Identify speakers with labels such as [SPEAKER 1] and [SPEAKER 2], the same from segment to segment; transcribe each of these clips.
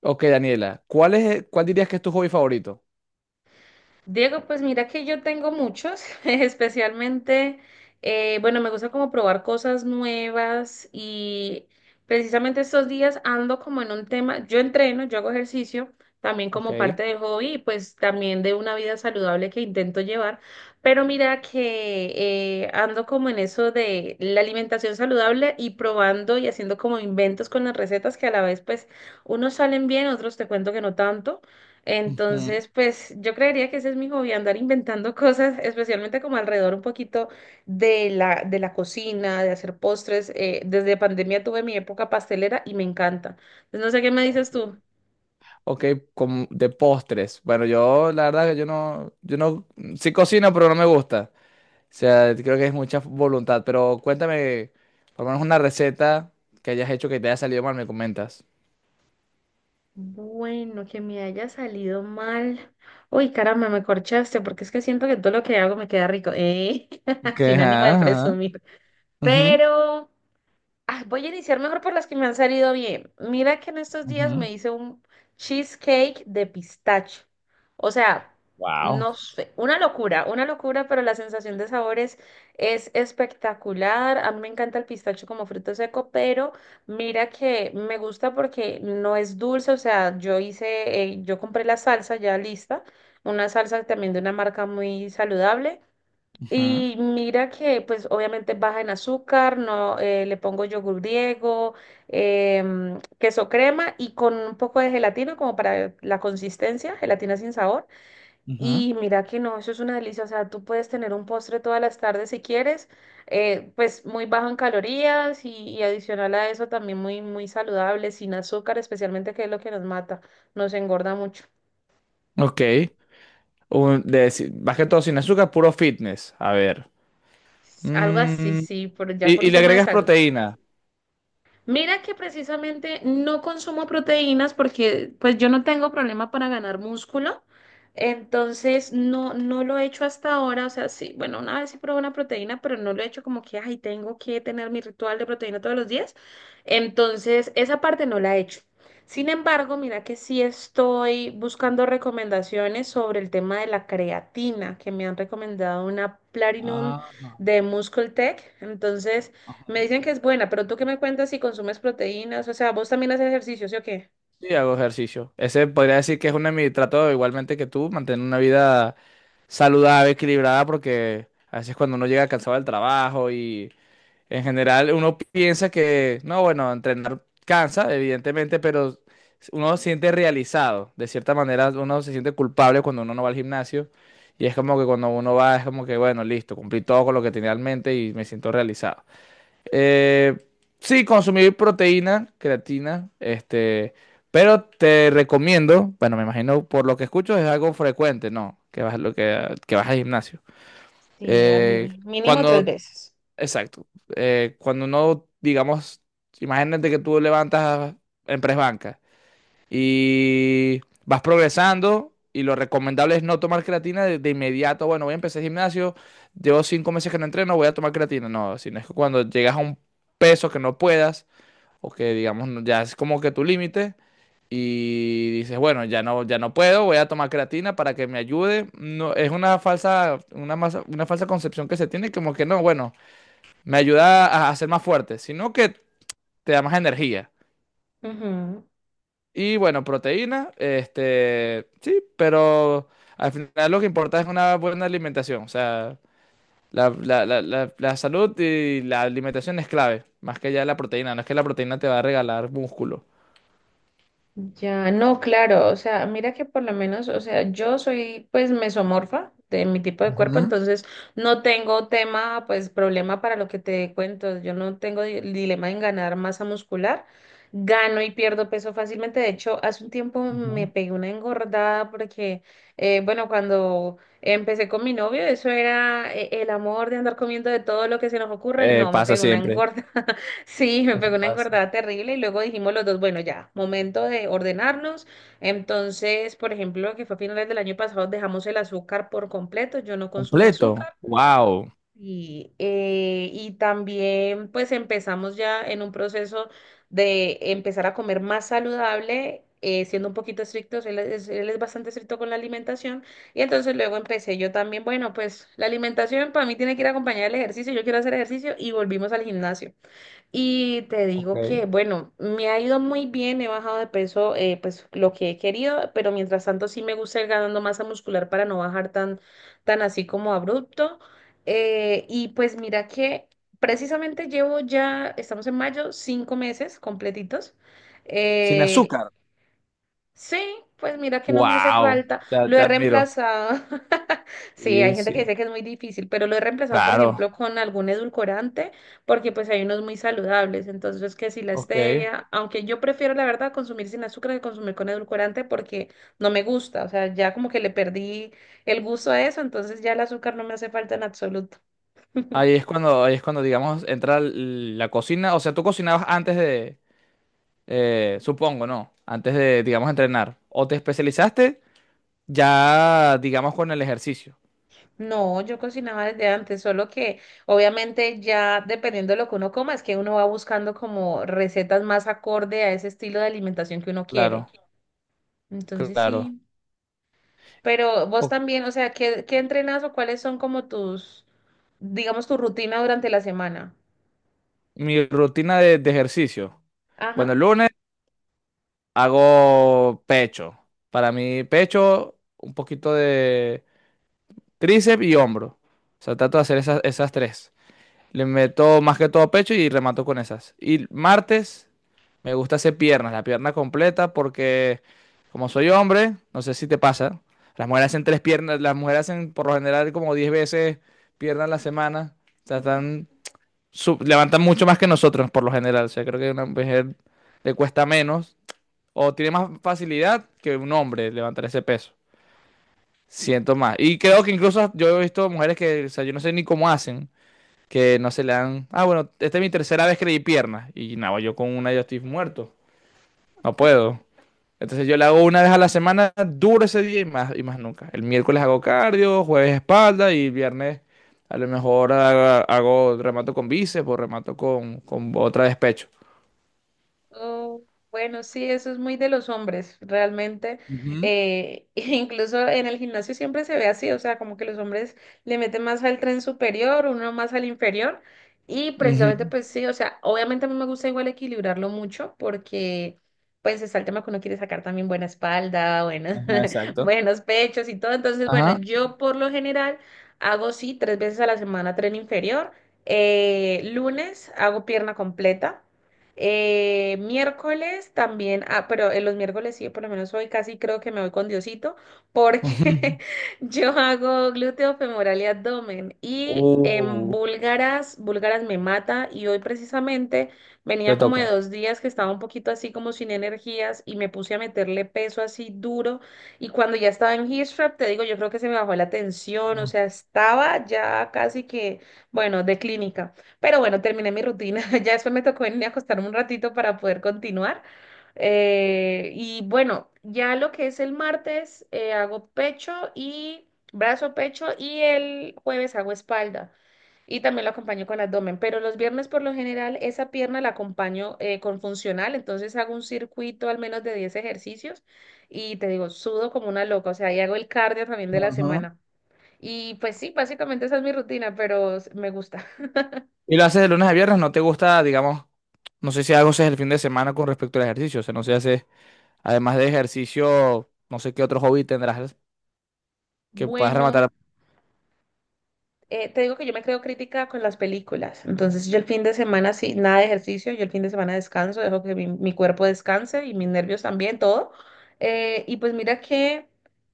[SPEAKER 1] Ok, Daniela, cuál dirías que es tu hobby favorito?
[SPEAKER 2] Diego, pues mira que yo tengo muchos, especialmente, bueno, me gusta como probar cosas nuevas y precisamente estos días ando como en un tema, yo entreno, yo hago ejercicio, también
[SPEAKER 1] Ok.
[SPEAKER 2] como parte del hobby y pues también de una vida saludable que intento llevar, pero mira que ando como en eso de la alimentación saludable y probando y haciendo como inventos con las recetas que a la vez pues unos salen bien, otros te cuento que no tanto.
[SPEAKER 1] Ujú.
[SPEAKER 2] Entonces, pues yo creería que ese es mi hobby, andar inventando cosas, especialmente como alrededor un poquito de la cocina, de hacer postres. Desde pandemia tuve mi época pastelera y me encanta. Entonces, no sé qué me dices
[SPEAKER 1] Ok,
[SPEAKER 2] tú.
[SPEAKER 1] Ok, como de postres. Bueno, yo la verdad que yo no, yo no, sí cocino, pero no me gusta. O sea, creo que es mucha voluntad. Pero cuéntame, por lo menos una receta que hayas hecho que te haya salido mal, me comentas.
[SPEAKER 2] Bueno, que me haya salido mal. Uy, caramba, me corchaste, porque es que siento que todo lo que hago me queda rico, ¿eh?
[SPEAKER 1] Ok,
[SPEAKER 2] Sin ánimo
[SPEAKER 1] ajá,
[SPEAKER 2] de
[SPEAKER 1] ajá.
[SPEAKER 2] presumir.
[SPEAKER 1] Ujú,
[SPEAKER 2] Pero... Ah, voy a iniciar mejor por las que me han salido bien. Mira que en estos días
[SPEAKER 1] ujú.
[SPEAKER 2] me hice un cheesecake de pistacho. O sea,
[SPEAKER 1] Wow.
[SPEAKER 2] no sé, una locura, pero la sensación de sabores es espectacular. A mí me encanta el pistacho como fruto seco, pero mira que me gusta porque no es dulce. O sea, yo hice, yo compré la salsa ya lista, una salsa también de una marca muy saludable.
[SPEAKER 1] Ujú,
[SPEAKER 2] Y mira que, pues, obviamente baja en azúcar, no, le pongo yogur griego, queso crema y con un poco de gelatina como para la consistencia, gelatina sin sabor.
[SPEAKER 1] ujú.
[SPEAKER 2] Y mira que no, eso es una delicia. O sea, tú puedes tener un postre todas las tardes si quieres, pues muy bajo en calorías y adicional a eso también muy, muy saludable, sin azúcar, especialmente que es lo que nos mata, nos engorda mucho.
[SPEAKER 1] Ok. Un- de si- Más que todo sin azúcar, puro fitness. A ver.
[SPEAKER 2] Algo así,
[SPEAKER 1] Mm,
[SPEAKER 2] sí, por, ya por
[SPEAKER 1] y
[SPEAKER 2] un
[SPEAKER 1] le
[SPEAKER 2] tema de
[SPEAKER 1] agregas
[SPEAKER 2] salud.
[SPEAKER 1] proteína.
[SPEAKER 2] Mira que precisamente no consumo proteínas porque pues yo no tengo problema para ganar músculo, entonces no, no lo he hecho hasta ahora, o sea, sí, bueno, una vez sí probé una proteína, pero no lo he hecho como que, ay, tengo que tener mi ritual de proteína todos los días, entonces esa parte no la he hecho. Sin embargo, mira que sí estoy buscando recomendaciones sobre el tema de la creatina, que me han recomendado una Platinum
[SPEAKER 1] Ajá.
[SPEAKER 2] de Muscle Tech, entonces... Me dicen que es buena, pero tú qué me cuentas si consumes proteínas, o sea, vos también haces ejercicio, ¿sí o qué?
[SPEAKER 1] Sí, hago ejercicio. Ese podría decir que es uno de mis tratos, igualmente que tú, mantener una vida saludable, equilibrada, porque a veces cuando uno llega cansado del trabajo y en general uno piensa que, no, bueno, entrenar cansa, evidentemente, pero uno se siente realizado. De cierta manera, uno se siente culpable cuando uno no va al gimnasio y es como que cuando uno va es como que, bueno, listo, cumplí todo con lo que tenía en mente y me siento realizado. Eh, sí, consumir proteína, creatina, este, pero te recomiendo, bueno, me imagino por lo que escucho es algo frecuente, ¿no? Que vas al gimnasio.
[SPEAKER 2] Sí, al
[SPEAKER 1] Eh,
[SPEAKER 2] mínimo tres
[SPEAKER 1] cuando,
[SPEAKER 2] veces.
[SPEAKER 1] exacto. Cuando no, digamos, imagínate que tú levantas en press banca y vas progresando. Y lo recomendable es no tomar creatina de inmediato. Bueno, voy a empezar el gimnasio, llevo 5 meses que no entreno, voy a tomar creatina. No, sino es que cuando llegas a un peso que no puedas, o que digamos ya es como que tu límite, y dices, bueno, ya no puedo, voy a tomar creatina para que me ayude. No, es una falsa concepción que se tiene, como que no, bueno, me ayuda a ser más fuerte, sino que te da más energía.
[SPEAKER 2] Ujú.
[SPEAKER 1] Y bueno, proteína, este, sí, pero al final lo que importa es una buena alimentación. O sea, la salud y la alimentación es clave, más que ya la proteína. No es que la proteína te va a regalar músculo.
[SPEAKER 2] Ya, no, claro, o sea, mira que por lo menos, o sea, yo soy pues mesomorfa de mi tipo de cuerpo, entonces no tengo tema, pues problema para lo que te cuento, yo no tengo dilema en ganar masa muscular, gano y pierdo peso fácilmente, de hecho, hace un tiempo me
[SPEAKER 1] Ujú.
[SPEAKER 2] pegué una engordada porque, bueno, cuando empecé con mi novio, eso era el amor de andar comiendo de todo lo que se nos ocurra y no, me
[SPEAKER 1] Pasa
[SPEAKER 2] pegué una
[SPEAKER 1] siempre.
[SPEAKER 2] engorda. Sí, me
[SPEAKER 1] Eso
[SPEAKER 2] pegó una
[SPEAKER 1] pasa.
[SPEAKER 2] engordada terrible y luego dijimos los dos, bueno, ya, momento de ordenarnos. Entonces, por ejemplo, que fue a finales del año pasado, dejamos el azúcar por completo, yo no consumo
[SPEAKER 1] Completo.
[SPEAKER 2] azúcar.
[SPEAKER 1] Wow.
[SPEAKER 2] Y también pues empezamos ya en un proceso de empezar a comer más saludable, siendo un poquito estrictos, él es bastante estricto con la alimentación. Y entonces luego empecé yo también, bueno, pues la alimentación para mí tiene que ir acompañada del ejercicio, yo quiero hacer ejercicio y volvimos al gimnasio. Y te
[SPEAKER 1] Ok.
[SPEAKER 2] digo que, bueno, me ha ido muy bien, he bajado de peso, pues lo que he querido, pero mientras tanto sí me gusta ir ganando masa muscular para no bajar tan así como abrupto. Y pues mira que precisamente llevo ya, estamos en mayo, 5 meses completitos.
[SPEAKER 1] Sin
[SPEAKER 2] eh,
[SPEAKER 1] azúcar.
[SPEAKER 2] Sí, pues mira que no me hace
[SPEAKER 1] Wow.
[SPEAKER 2] falta.
[SPEAKER 1] Te,
[SPEAKER 2] Lo
[SPEAKER 1] te
[SPEAKER 2] he
[SPEAKER 1] admiro.
[SPEAKER 2] reemplazado. Sí, hay
[SPEAKER 1] Sí,
[SPEAKER 2] gente que
[SPEAKER 1] sí.
[SPEAKER 2] dice que es muy difícil, pero lo he reemplazado, por
[SPEAKER 1] Claro.
[SPEAKER 2] ejemplo, con algún edulcorante, porque pues hay unos muy saludables. Entonces, que si la
[SPEAKER 1] Ok.
[SPEAKER 2] stevia, aunque yo prefiero, la verdad, consumir sin azúcar que consumir con edulcorante porque no me gusta. O sea, ya como que le perdí el gusto a eso, entonces ya el azúcar no me hace falta en absoluto.
[SPEAKER 1] Ahí es cuando, digamos, entra la cocina. O sea, tú cocinabas antes de, supongo, ¿no? Antes de, digamos, entrenar. O te especializaste ya, digamos, con el ejercicio.
[SPEAKER 2] No, yo cocinaba desde antes, solo que obviamente ya dependiendo de lo que uno coma, es que uno va buscando como recetas más acorde a ese estilo de alimentación que uno
[SPEAKER 1] Claro,
[SPEAKER 2] quiere. Entonces
[SPEAKER 1] claro.
[SPEAKER 2] sí. Pero vos
[SPEAKER 1] O-
[SPEAKER 2] también, o sea, ¿qué, qué entrenas o cuáles son como tus, digamos, tu rutina durante la semana?
[SPEAKER 1] Mi rutina de ejercicio. Bueno,
[SPEAKER 2] Ajá.
[SPEAKER 1] el lunes hago pecho. Para mí, pecho, un poquito de tríceps y hombro. O sea, trato de hacer esas tres. Le meto más que todo pecho y remato con esas. Y martes me gusta hacer piernas, la pierna completa, porque como soy hombre, no sé si te pasa, las mujeres hacen tres piernas, las mujeres hacen por lo general como 10 veces piernas a la semana, o sea, están, levantan mucho más que nosotros por lo general, o sea, creo que a una mujer le cuesta menos o tiene más facilidad que un hombre levantar ese peso. Siento más. Y creo que incluso yo he visto mujeres que, o sea, yo no sé ni cómo hacen que no se le dan. Ah, bueno, esta es mi tercera vez que le di piernas. Y nada, yo con una yo estoy muerto. No puedo. Entonces yo le hago una vez a la semana, duro ese día y más nunca. El miércoles hago cardio, jueves espalda y viernes a lo mejor hago, remato con bíceps o remato con otra despecho.
[SPEAKER 2] Oh, bueno, sí, eso es muy de los hombres, realmente.
[SPEAKER 1] Ujú.
[SPEAKER 2] Incluso en el gimnasio siempre se ve así, o sea, como que los hombres le meten más al tren superior, uno más al inferior. Y precisamente,
[SPEAKER 1] Ujú.
[SPEAKER 2] pues sí, o sea, obviamente a mí me gusta igual equilibrarlo mucho porque, pues, está el tema que uno quiere sacar también buena espalda, buenos,
[SPEAKER 1] Ajá, exacto.
[SPEAKER 2] buenos pechos y todo. Entonces, bueno,
[SPEAKER 1] Ajá.
[SPEAKER 2] yo por lo general hago, sí, 3 veces a la semana tren inferior. Lunes hago pierna completa. Miércoles también, ah, pero en los miércoles sí, por lo menos hoy casi creo que me voy con Diosito, porque yo hago glúteo femoral y abdomen. Y en
[SPEAKER 1] Ujú.
[SPEAKER 2] búlgaras me mata. Y hoy precisamente
[SPEAKER 1] Te
[SPEAKER 2] venía como
[SPEAKER 1] toca.
[SPEAKER 2] de 2 días que estaba un poquito así como sin energías y me puse a meterle peso así duro. Y cuando ya estaba en hip thrust, te digo, yo creo que se me bajó la tensión, o sea, estaba ya casi que, bueno, de clínica. Pero bueno, terminé mi rutina. Ya después me tocó venir a acostarme un ratito para poder continuar. Y bueno, ya lo que es el martes, hago pecho y brazo, pecho y el jueves hago espalda. Y también lo acompaño con abdomen. Pero los viernes por lo general esa pierna la acompaño con funcional. Entonces hago un circuito al menos de 10 ejercicios y te digo, sudo como una loca. O sea, y hago el cardio también de la
[SPEAKER 1] Ajá.
[SPEAKER 2] semana. Y pues sí, básicamente esa es mi rutina, pero me gusta.
[SPEAKER 1] Y lo haces de lunes a viernes, no te gusta, digamos, no sé si algo haces el fin de semana con respecto al ejercicio, o sea, no sé si haces, además de ejercicio, no sé qué otro hobby tendrás que puedas
[SPEAKER 2] Bueno.
[SPEAKER 1] rematar
[SPEAKER 2] Te digo que yo me creo crítica con las películas. Entonces, yo el fin de semana, sí, nada de ejercicio, yo el fin de semana descanso, dejo que mi cuerpo descanse y mis nervios también, todo. Y pues mira que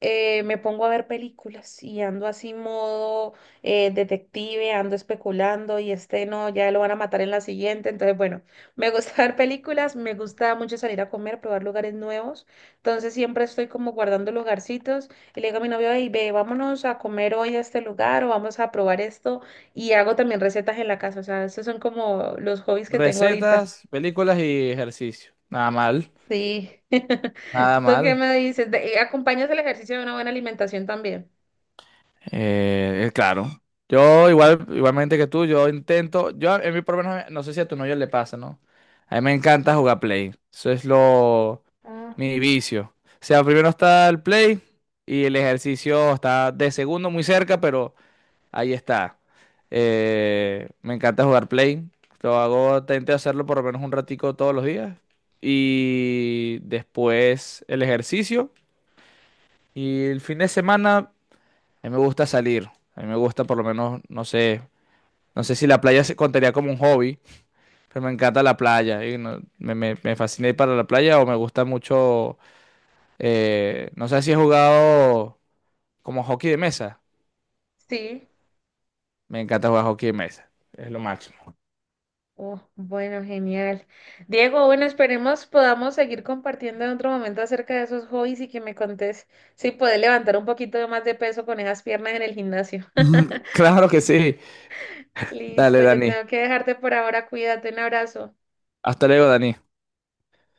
[SPEAKER 2] me pongo a ver películas y ando así modo detective, ando especulando y este no, ya lo van a matar en la siguiente. Entonces, bueno, me gusta ver películas, me gusta mucho salir a comer, probar lugares nuevos. Entonces, siempre estoy como guardando lugarcitos. Y le digo a mi novio, hey, ve, vámonos a comer hoy a este lugar o vamos a probar esto. Y hago también recetas en la casa. O sea, esos son como los hobbies que tengo ahorita.
[SPEAKER 1] recetas, películas y ejercicio. Nada mal,
[SPEAKER 2] Sí.
[SPEAKER 1] nada
[SPEAKER 2] ¿Tú qué
[SPEAKER 1] mal.
[SPEAKER 2] me dices? ¿Acompañas el ejercicio de una buena alimentación también?
[SPEAKER 1] Claro. Yo igual, igualmente que tú, yo intento, yo en mi por lo menos, no sé si a tu novio le pasa, ¿no? A mí me encanta jugar Play. Eso es
[SPEAKER 2] Ah,
[SPEAKER 1] mi vicio. O sea, primero está el Play y el ejercicio está de segundo muy cerca, pero... Ahí está. Me encanta jugar Play. Lo hago, intento hacerlo por lo menos un ratico todos los días. Y después el ejercicio. Y el fin de semana, a mí me gusta salir. A mí me gusta por lo menos, no sé, no sé si la playa se contaría como un hobby, pero me encanta la playa. Me fascina ir para la playa o me gusta mucho, no sé si he jugado como hockey de mesa.
[SPEAKER 2] sí.
[SPEAKER 1] Me encanta jugar hockey de mesa. Es lo máximo.
[SPEAKER 2] Oh, bueno, genial. Diego, bueno, esperemos podamos seguir compartiendo en otro momento acerca de esos hobbies y que me contés si puedes levantar un poquito de más de peso con esas piernas en el gimnasio.
[SPEAKER 1] Claro que sí.
[SPEAKER 2] Listo,
[SPEAKER 1] Dale,
[SPEAKER 2] yo
[SPEAKER 1] Dani.
[SPEAKER 2] tengo que dejarte por ahora. Cuídate, un abrazo.
[SPEAKER 1] Hasta luego, Dani.